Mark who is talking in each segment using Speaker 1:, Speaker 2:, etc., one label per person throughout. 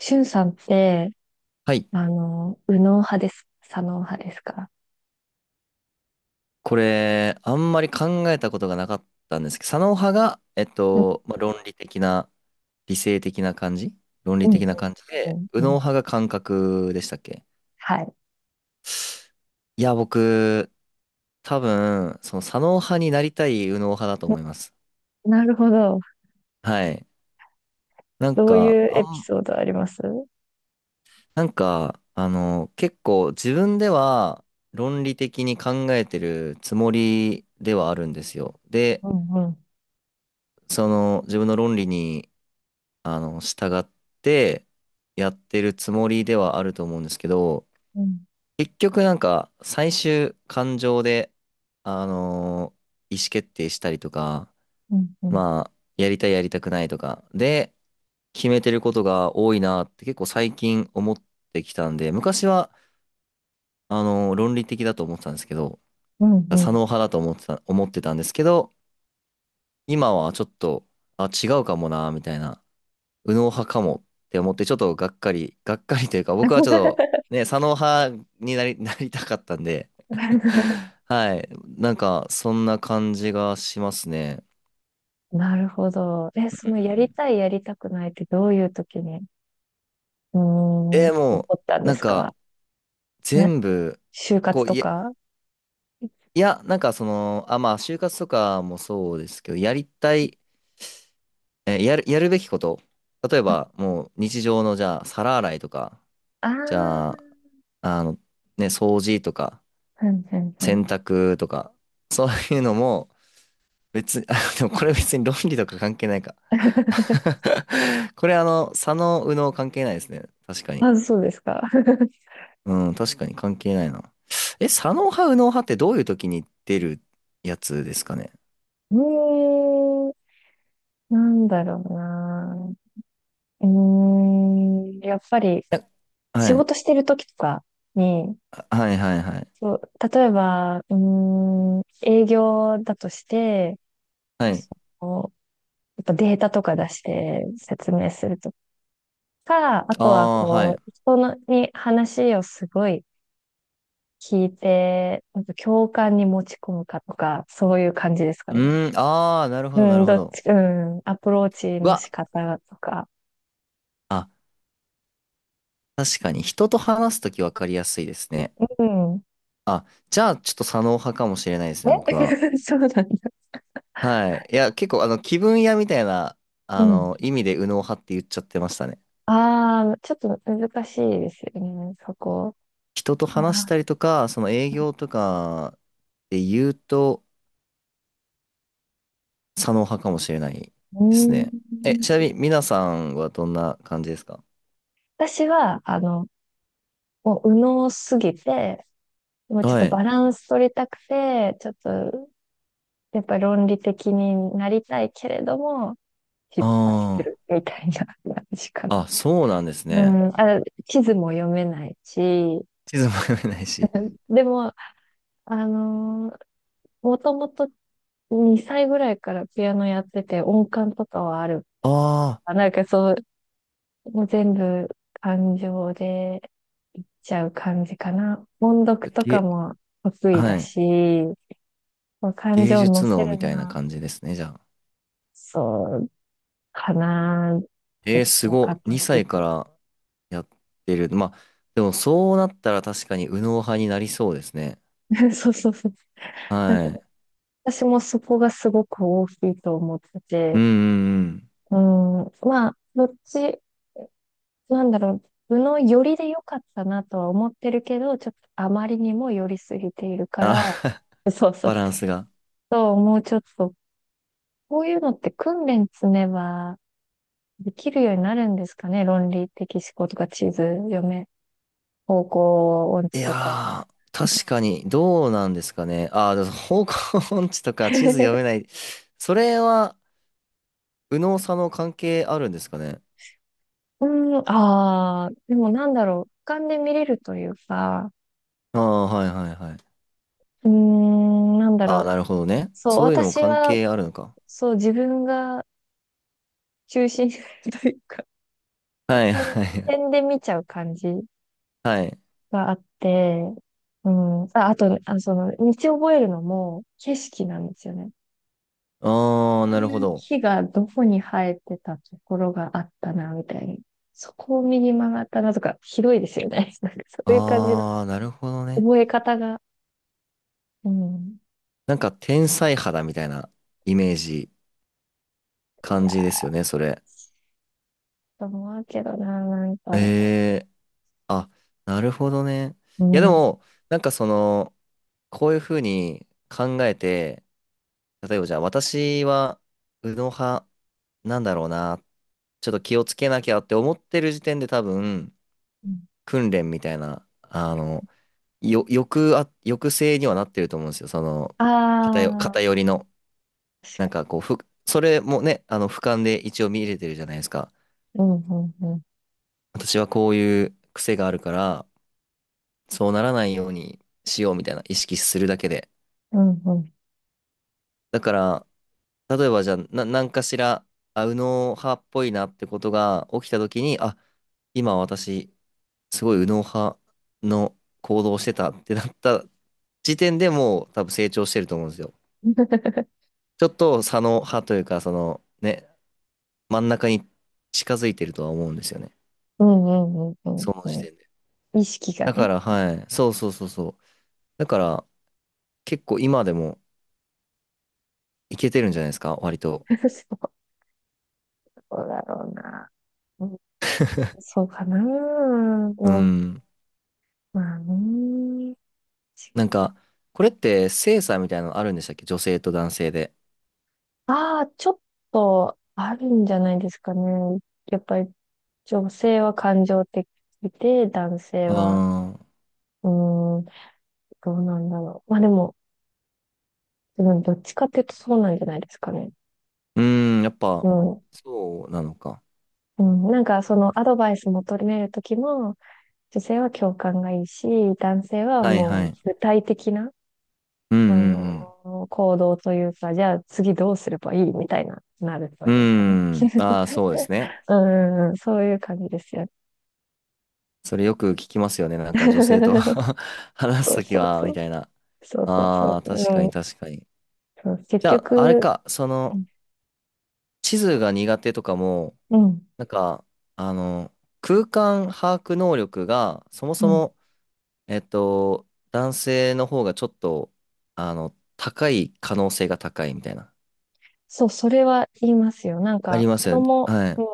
Speaker 1: しゅんさんって、
Speaker 2: はい。
Speaker 1: 右脳派です、左脳派ですか？
Speaker 2: これ、あんまり考えたことがなかったんですけど、左脳派が、
Speaker 1: うん、
Speaker 2: まあ、論理的な、理性的な感じ。論理
Speaker 1: うん、
Speaker 2: 的な感じ
Speaker 1: う
Speaker 2: で、
Speaker 1: ん、
Speaker 2: 右
Speaker 1: う
Speaker 2: 脳
Speaker 1: ん。うん。
Speaker 2: 派が感覚でしたっけ？
Speaker 1: はい。
Speaker 2: いや、僕、多分、その左脳派になりたい右脳派だと
Speaker 1: な
Speaker 2: 思います。
Speaker 1: なるほど。
Speaker 2: はい。なん
Speaker 1: どう
Speaker 2: か、
Speaker 1: いうエピソードあります？うん、
Speaker 2: 結構自分では論理的に考えてるつもりではあるんですよ。で、
Speaker 1: うん、
Speaker 2: その自分の論理に従ってやってるつもりではあると思うんですけど、
Speaker 1: うん、
Speaker 2: 結局なんか最終感情で、あの意思決定したりとか、
Speaker 1: うん、うん、
Speaker 2: まあ、やりたいやりたくないとか、で、決めてることが多いなって結構最近思ってきたんで、昔は、論理的だと思ってたんですけど、
Speaker 1: うん。
Speaker 2: 左
Speaker 1: うん。
Speaker 2: 脳派だと思ってたんですけど、今はちょっと、あ、違うかもな、みたいな。右脳派かもって思って、ちょっとがっかり、がっかりというか、僕はちょっと、ね、左脳派になり、なりたかったんで、はい。なんか、そんな感じがしますね。
Speaker 1: なるほど。え、
Speaker 2: う
Speaker 1: そのやり
Speaker 2: ん。
Speaker 1: たい、やりたくないってどういう時に、起
Speaker 2: も
Speaker 1: こ
Speaker 2: う、
Speaker 1: ったん
Speaker 2: な
Speaker 1: で
Speaker 2: ん
Speaker 1: す
Speaker 2: か、
Speaker 1: か？な、
Speaker 2: 全部、
Speaker 1: 就
Speaker 2: こ
Speaker 1: 活
Speaker 2: う、
Speaker 1: と
Speaker 2: いや、
Speaker 1: か。
Speaker 2: いや、なんかその、あ、まあ、就活とかもそうですけど、やりたい、やるべきこと。例えば、もう、日常の、じゃあ、皿洗いとか、
Speaker 1: ああ、
Speaker 2: じゃ
Speaker 1: う
Speaker 2: あ、あの、ね、掃除とか、
Speaker 1: んうんう
Speaker 2: 洗
Speaker 1: ん。
Speaker 2: 濯とか、そういうのも、別に、あ、でもこれ別に論理とか関係ないか。これ左脳右脳関係ないですね。確かに。
Speaker 1: あ、そうですか。
Speaker 2: うん、確かに関係ないな。え、左脳派右脳派ってどういう時に出るやつですかね。
Speaker 1: うーんなんだろうな。やっぱり
Speaker 2: え、は
Speaker 1: 仕
Speaker 2: い、
Speaker 1: 事してる時とかに、
Speaker 2: はいはいはい。
Speaker 1: そう、例えば、営業だとして、
Speaker 2: はい。
Speaker 1: こうやっぱデータとか出して説明するとか、あ
Speaker 2: あ
Speaker 1: とは
Speaker 2: あ、は
Speaker 1: こ
Speaker 2: い。
Speaker 1: う、人のに話をすごい聞いて、なんか共感に持ち込むかとか、そういう感じですかね。
Speaker 2: うん、ああ、なるほ
Speaker 1: う
Speaker 2: どなる
Speaker 1: ん、
Speaker 2: ほ
Speaker 1: どっ
Speaker 2: ど。
Speaker 1: ち、うん、アプローチ
Speaker 2: う
Speaker 1: の
Speaker 2: わ、
Speaker 1: 仕方とか。
Speaker 2: あ、確かに人と話すとき分かりやすいですね。
Speaker 1: うん。
Speaker 2: あ、じゃあちょっと左脳派かもしれないですね、僕は。
Speaker 1: え そうなんだね。
Speaker 2: はい。いや、結構、気分屋みたいな、
Speaker 1: うん。
Speaker 2: 意味で右脳派って言っちゃってましたね。
Speaker 1: ああ、ちょっと難しいですよね、そこ。
Speaker 2: 人と
Speaker 1: あ
Speaker 2: 話したりとか、その営業とかで言うと、左脳派かもしれない
Speaker 1: ー、う
Speaker 2: ですね。
Speaker 1: ー
Speaker 2: え、
Speaker 1: ん。
Speaker 2: ちなみに、皆さんはどんな感じですか？
Speaker 1: 私は、もう右脳すぎて、もうちょっ
Speaker 2: は
Speaker 1: と
Speaker 2: い。
Speaker 1: バランス取りたくて、ちょっと、やっぱり論理的になりたいけれども、失敗す
Speaker 2: あ
Speaker 1: るみたいな感じか
Speaker 2: あ。
Speaker 1: な。
Speaker 2: あ、そうなんです
Speaker 1: う
Speaker 2: ね。
Speaker 1: ん、あ、地図も読めないし、
Speaker 2: 地図も読めないし。
Speaker 1: でも、あのー、もともと2歳ぐらいからピアノやってて、音感とかはある。
Speaker 2: あ
Speaker 1: あ、なんかそう、もう全部感情でいっちゃう感じかな。音
Speaker 2: あ。
Speaker 1: 読とかも得意
Speaker 2: は
Speaker 1: だ
Speaker 2: い。
Speaker 1: し、こう感
Speaker 2: 芸
Speaker 1: 情を乗
Speaker 2: 術
Speaker 1: せ
Speaker 2: 脳
Speaker 1: る
Speaker 2: みた
Speaker 1: の
Speaker 2: いな
Speaker 1: は、
Speaker 2: 感じですね、じゃあ。
Speaker 1: そうかな。ど
Speaker 2: えー、
Speaker 1: ち
Speaker 2: す
Speaker 1: らか
Speaker 2: ごい。
Speaker 1: とい
Speaker 2: 2
Speaker 1: う
Speaker 2: 歳か
Speaker 1: と。
Speaker 2: らやってる。まあ、でもそうなったら確かに右脳派になりそうですね。
Speaker 1: そうそうそう。なん
Speaker 2: は
Speaker 1: か
Speaker 2: い。
Speaker 1: 私もそこがすごく大きいと思って
Speaker 2: うん
Speaker 1: て、
Speaker 2: うんうん。
Speaker 1: うん、まあ、どっち、なんだろう、部の寄りで良かったなとは思ってるけど、ちょっとあまりにも寄りすぎているか
Speaker 2: あ、
Speaker 1: ら、そうそ
Speaker 2: バ
Speaker 1: う。
Speaker 2: ランスが。
Speaker 1: そう、もうちょっとこういうのって訓練積めばできるようになるんですかね、論理的思考とか、地図読め、方向音
Speaker 2: い
Speaker 1: 痴とか。
Speaker 2: やー、確かに、どうなんですかね。あー、でも方向音痴とか地図読めな い。それは、右脳左脳関係あるんですかね。
Speaker 1: ああ、でもなんだろう、俯瞰で見れるというか、
Speaker 2: ああ、はいはいはい。
Speaker 1: なんだ
Speaker 2: あ
Speaker 1: ろ
Speaker 2: あ、
Speaker 1: う、
Speaker 2: なるほどね。
Speaker 1: そう、
Speaker 2: そういうのも
Speaker 1: 私
Speaker 2: 関
Speaker 1: は、
Speaker 2: 係あるのか。
Speaker 1: そう、自分が中心 というか、
Speaker 2: は い
Speaker 1: 点、
Speaker 2: はい
Speaker 1: 点で見ちゃう感じ
Speaker 2: はい。
Speaker 1: があって、うん、あ、あと、あ、その、道覚えるのも景色なんですよね。
Speaker 2: ああ、
Speaker 1: こう
Speaker 2: なるほ
Speaker 1: いう
Speaker 2: ど。
Speaker 1: 木がどこに生えてたところがあったな、みたいに。そこを右曲がったなとか、広いですよね。なんかそういう感じの
Speaker 2: ああ、なるほどね。
Speaker 1: 覚え方が。うん。
Speaker 2: なんか天才肌みたいなイメージ
Speaker 1: い
Speaker 2: 感
Speaker 1: や
Speaker 2: じ
Speaker 1: ー、
Speaker 2: ですよね、それ。
Speaker 1: と思うけどな、なん
Speaker 2: え
Speaker 1: か。
Speaker 2: え、あ、なるほどね。
Speaker 1: う
Speaker 2: いや、で
Speaker 1: ん。う
Speaker 2: も、なんかその、こういうふうに考えて、例えばじゃあ、私は、右脳派なんだろうな、ちょっと気をつけなきゃって思ってる時点で多分、
Speaker 1: ん、
Speaker 2: 訓練みたいな、よ、抑あ、抑制にはなってると思うんですよ。その、偏、
Speaker 1: あ
Speaker 2: 偏
Speaker 1: あ、
Speaker 2: りの、
Speaker 1: 確
Speaker 2: なん
Speaker 1: か
Speaker 2: か
Speaker 1: に。
Speaker 2: こう、それもね、俯瞰で一応見れてるじゃないですか。
Speaker 1: うん、うん、うん。
Speaker 2: 私はこういう癖があるから、そうならないようにしようみたいな意識するだけで。
Speaker 1: うん、うん。
Speaker 2: だから、例えばじゃあ、何かしら、あ、右脳派っぽいなってことが起きた時に、あ、今私、すごい右脳派の行動をしてたってなった時点でもう多分成長してると思うんですよ。ちょっと左脳派というか、そのね、真ん中に近づいてるとは思うんですよね。
Speaker 1: うん、うん、うん、
Speaker 2: その
Speaker 1: う
Speaker 2: 時
Speaker 1: んう
Speaker 2: 点で。
Speaker 1: ん。意識が
Speaker 2: だか
Speaker 1: ね。
Speaker 2: ら、はい。そうそうそうそう。だから、結構今でもいけてるんじゃないですか、割と。
Speaker 1: そうだろうな。うん、そうかな。
Speaker 2: う
Speaker 1: も
Speaker 2: ん。
Speaker 1: うまあね。
Speaker 2: なんか、これって性差みたいなのあるんでしたっけ、女性と男性で？
Speaker 1: ああ、ちょっとあるんじゃないですかね。やっぱり女性は感情的で、男性
Speaker 2: あ
Speaker 1: は、
Speaker 2: あ、
Speaker 1: うーん、どうなんだろう。まあでもどっちかっていうとそうなんじゃないですかね。
Speaker 2: うーん、やっぱ、
Speaker 1: うん。
Speaker 2: そうなのか。
Speaker 1: うん、なんかそのアドバイス求めるときも、女性は共感がいいし、男性は
Speaker 2: はいは
Speaker 1: もう
Speaker 2: い。
Speaker 1: 具体的な、
Speaker 2: うんうん
Speaker 1: 行動というか、じゃあ次どうすればいいみたいな、なると
Speaker 2: う
Speaker 1: いうかね。
Speaker 2: ん。うーん、ああ、そうですね。
Speaker 1: うん、そういう感じですよね。
Speaker 2: それよく聞きますよね。なんか女性と 話す
Speaker 1: そう
Speaker 2: とき
Speaker 1: そう
Speaker 2: は、
Speaker 1: そ
Speaker 2: み
Speaker 1: う。
Speaker 2: たいな。
Speaker 1: そうそうそ
Speaker 2: あ
Speaker 1: う。
Speaker 2: あ、確
Speaker 1: う
Speaker 2: かに
Speaker 1: ん。
Speaker 2: 確かに。
Speaker 1: そう結
Speaker 2: じゃあ、あれ
Speaker 1: 局、
Speaker 2: か、その、地図が苦手とかも、
Speaker 1: うん、
Speaker 2: なんか、あの、空間把握能力が、そも
Speaker 1: う
Speaker 2: そ
Speaker 1: ん。
Speaker 2: も、えっと、男性の方がちょっと、高い可能性が高いみたいな。
Speaker 1: そう、それは言いますよ。なん
Speaker 2: あ
Speaker 1: か、
Speaker 2: ります
Speaker 1: 子
Speaker 2: よね。
Speaker 1: 供、
Speaker 2: は
Speaker 1: うん。
Speaker 2: い。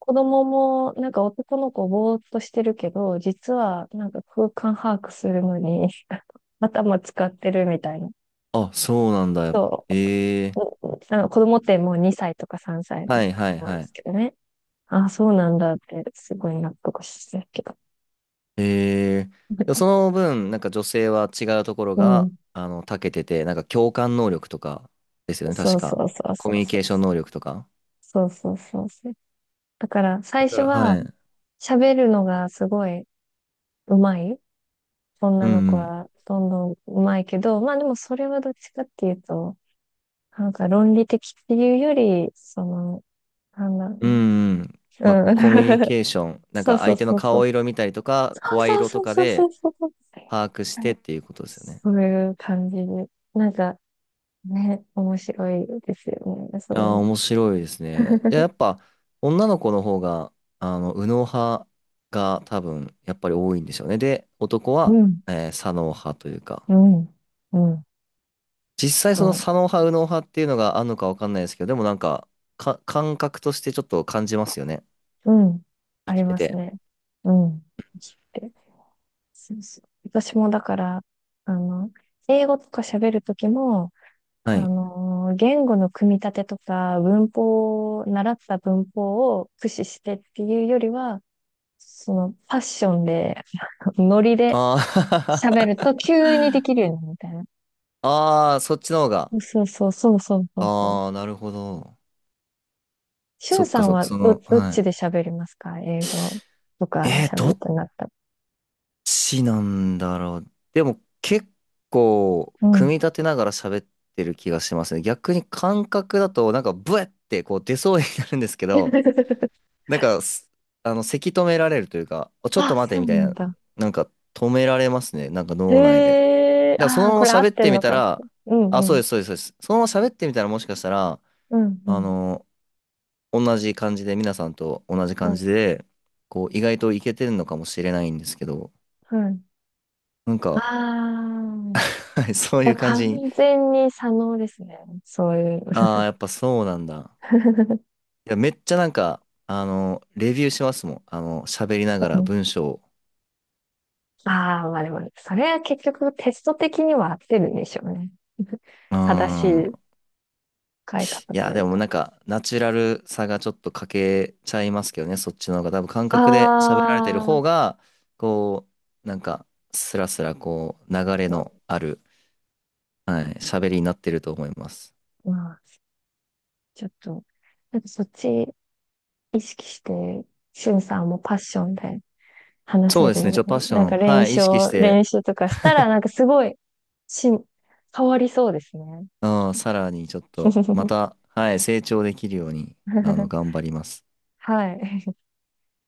Speaker 1: 子供も、なんか男の子ぼーっとしてるけど、実は、なんか空間把握するのに 頭使ってるみたいな。
Speaker 2: あ、そうなんだ。
Speaker 1: そ
Speaker 2: え
Speaker 1: う。
Speaker 2: え、
Speaker 1: うんうあの子供ってもう2歳とか3歳なん
Speaker 2: はいはい
Speaker 1: 多い
Speaker 2: は
Speaker 1: で
Speaker 2: い。
Speaker 1: すけどね。ああ、そうなんだって、すごい納得してるけど。
Speaker 2: ええ、でもそ の分、なんか女性は違うところ
Speaker 1: う
Speaker 2: が、
Speaker 1: ん。
Speaker 2: 長けてて、なんか共感能力とかですよね、
Speaker 1: そ
Speaker 2: 確
Speaker 1: う
Speaker 2: か。
Speaker 1: そうそう
Speaker 2: コ
Speaker 1: そ
Speaker 2: ミ
Speaker 1: う
Speaker 2: ュニ
Speaker 1: そ
Speaker 2: ケ
Speaker 1: う。
Speaker 2: ーション能力とか。
Speaker 1: そうそうそうそう。だから
Speaker 2: だ
Speaker 1: 最
Speaker 2: か
Speaker 1: 初
Speaker 2: ら、
Speaker 1: は
Speaker 2: はい。
Speaker 1: 喋るのがすごい上手い
Speaker 2: う
Speaker 1: 女の
Speaker 2: んう
Speaker 1: 子
Speaker 2: ん。
Speaker 1: はどんどん上手いけど、まあでもそれはどっちかっていうと、なんか論理的っていうより、その、なんだろ
Speaker 2: う
Speaker 1: うね。
Speaker 2: んうん。まあ、
Speaker 1: うん。
Speaker 2: コミュ ニケーション、なん
Speaker 1: そう
Speaker 2: か
Speaker 1: そう
Speaker 2: 相手の
Speaker 1: そうそ
Speaker 2: 顔
Speaker 1: う。
Speaker 2: 色見たりとか、声
Speaker 1: そう
Speaker 2: 色
Speaker 1: そ
Speaker 2: と
Speaker 1: う
Speaker 2: か
Speaker 1: そうそ
Speaker 2: で
Speaker 1: うそうそう。
Speaker 2: 把握し
Speaker 1: あ
Speaker 2: てっ
Speaker 1: れ
Speaker 2: ていうことですよね。
Speaker 1: そういう感じで。なんかね、面白いですよね。
Speaker 2: い
Speaker 1: そ
Speaker 2: や
Speaker 1: う
Speaker 2: ー、
Speaker 1: いう
Speaker 2: 面白いですね。いや、や っぱ、女の子の方が、右脳派が多分、やっぱり多いんでしょうね。で、男
Speaker 1: う
Speaker 2: は、
Speaker 1: ん、
Speaker 2: 左脳派というか、
Speaker 1: うん、うん。
Speaker 2: 実際その
Speaker 1: そう。
Speaker 2: 左脳派、右脳派っていうのがあるのかわかんないですけど、でもなんか、感覚としてちょっと感じますよね。
Speaker 1: うん。
Speaker 2: 生
Speaker 1: あ
Speaker 2: き
Speaker 1: り
Speaker 2: て
Speaker 1: ます
Speaker 2: て。
Speaker 1: ね。うん。って。そうそう。私もだから、あの、英語とか喋るときも、
Speaker 2: はい。
Speaker 1: 言語の組み立てとか、文法を、習った文法を駆使してっていうよりは、その、パッションで、ノリで
Speaker 2: あ
Speaker 1: 喋
Speaker 2: ー
Speaker 1: ると急にできるようになるみたいな。
Speaker 2: あー、そっちの方が。
Speaker 1: そうそうそうそうそうそう。
Speaker 2: ああ、なるほど。
Speaker 1: しゅ
Speaker 2: そ
Speaker 1: ん
Speaker 2: っ
Speaker 1: さ
Speaker 2: か
Speaker 1: ん
Speaker 2: そっか、
Speaker 1: は
Speaker 2: そ
Speaker 1: ど、
Speaker 2: の、
Speaker 1: どっ
Speaker 2: はい。
Speaker 1: ちで喋りますか、英語とか
Speaker 2: えー、
Speaker 1: 喋
Speaker 2: ど
Speaker 1: る
Speaker 2: っ
Speaker 1: となったら？
Speaker 2: ちなんだろう。でも結構
Speaker 1: う
Speaker 2: 組み
Speaker 1: ん。
Speaker 2: 立てながら喋ってる気がしますね。逆に感覚だとなんかブエってこう出そうになるんですけど、なんかすあの、せき止められるというか、お、ちょっと
Speaker 1: あ、
Speaker 2: 待て
Speaker 1: そ
Speaker 2: み
Speaker 1: う
Speaker 2: たい
Speaker 1: なん
Speaker 2: な、
Speaker 1: だ。
Speaker 2: なんか止められますね。なんか脳内で。だ
Speaker 1: へ
Speaker 2: か
Speaker 1: え、
Speaker 2: らそ
Speaker 1: あ
Speaker 2: の
Speaker 1: あ、
Speaker 2: まま
Speaker 1: これ合っ
Speaker 2: 喋っ
Speaker 1: て
Speaker 2: て
Speaker 1: ん
Speaker 2: み
Speaker 1: の
Speaker 2: た
Speaker 1: か。
Speaker 2: ら、
Speaker 1: うん
Speaker 2: あ、
Speaker 1: う
Speaker 2: そうで
Speaker 1: ん。
Speaker 2: す、そうです、そうです。そのまま喋ってみたらもしかしたら、
Speaker 1: うんう
Speaker 2: あ
Speaker 1: ん。
Speaker 2: の、同じ感じで、皆さんと同じ
Speaker 1: う
Speaker 2: 感じ
Speaker 1: ん。
Speaker 2: で、こう意外といけてるのかもしれないんですけど、
Speaker 1: うん、
Speaker 2: なん
Speaker 1: あ
Speaker 2: か、
Speaker 1: あ。
Speaker 2: はい、そう
Speaker 1: じ
Speaker 2: い
Speaker 1: ゃ
Speaker 2: う
Speaker 1: あ
Speaker 2: 感じ
Speaker 1: 完
Speaker 2: に。
Speaker 1: 全に左脳ですね。そうい
Speaker 2: ああ、
Speaker 1: う。
Speaker 2: やっぱそうなんだ。いや、めっちゃなんか、レビューしますもん。喋りなが
Speaker 1: う
Speaker 2: ら
Speaker 1: ん、
Speaker 2: 文章を。
Speaker 1: ああ、まあでも、それは結局テスト的には合ってるんでしょうね。
Speaker 2: うー
Speaker 1: 正しい
Speaker 2: ん。
Speaker 1: 使い方
Speaker 2: い
Speaker 1: と
Speaker 2: や、
Speaker 1: い
Speaker 2: で
Speaker 1: う
Speaker 2: も
Speaker 1: か。
Speaker 2: なんか、ナチュラルさがちょっと欠けちゃいますけどね、そっちの方が。多分感
Speaker 1: あ
Speaker 2: 覚で喋られてる方
Speaker 1: あ、
Speaker 2: が、こう、なんか、スラスラこう、流れのある、はい、喋りになってると思います。
Speaker 1: まあ、ちょっと、なんかそっち意識して、しゅんさんもパッションで話
Speaker 2: そう
Speaker 1: せ
Speaker 2: で
Speaker 1: る
Speaker 2: すね、
Speaker 1: ん
Speaker 2: ち
Speaker 1: で
Speaker 2: ょっとパッ
Speaker 1: ね。
Speaker 2: ショ
Speaker 1: なん
Speaker 2: ン、
Speaker 1: か
Speaker 2: はい、意識して、
Speaker 1: 練習とかしたら、なんかすごい、し、変わりそうですね。
Speaker 2: うん、さらにちょっと、また、はい、成長できるように、頑張ります。
Speaker 1: はい。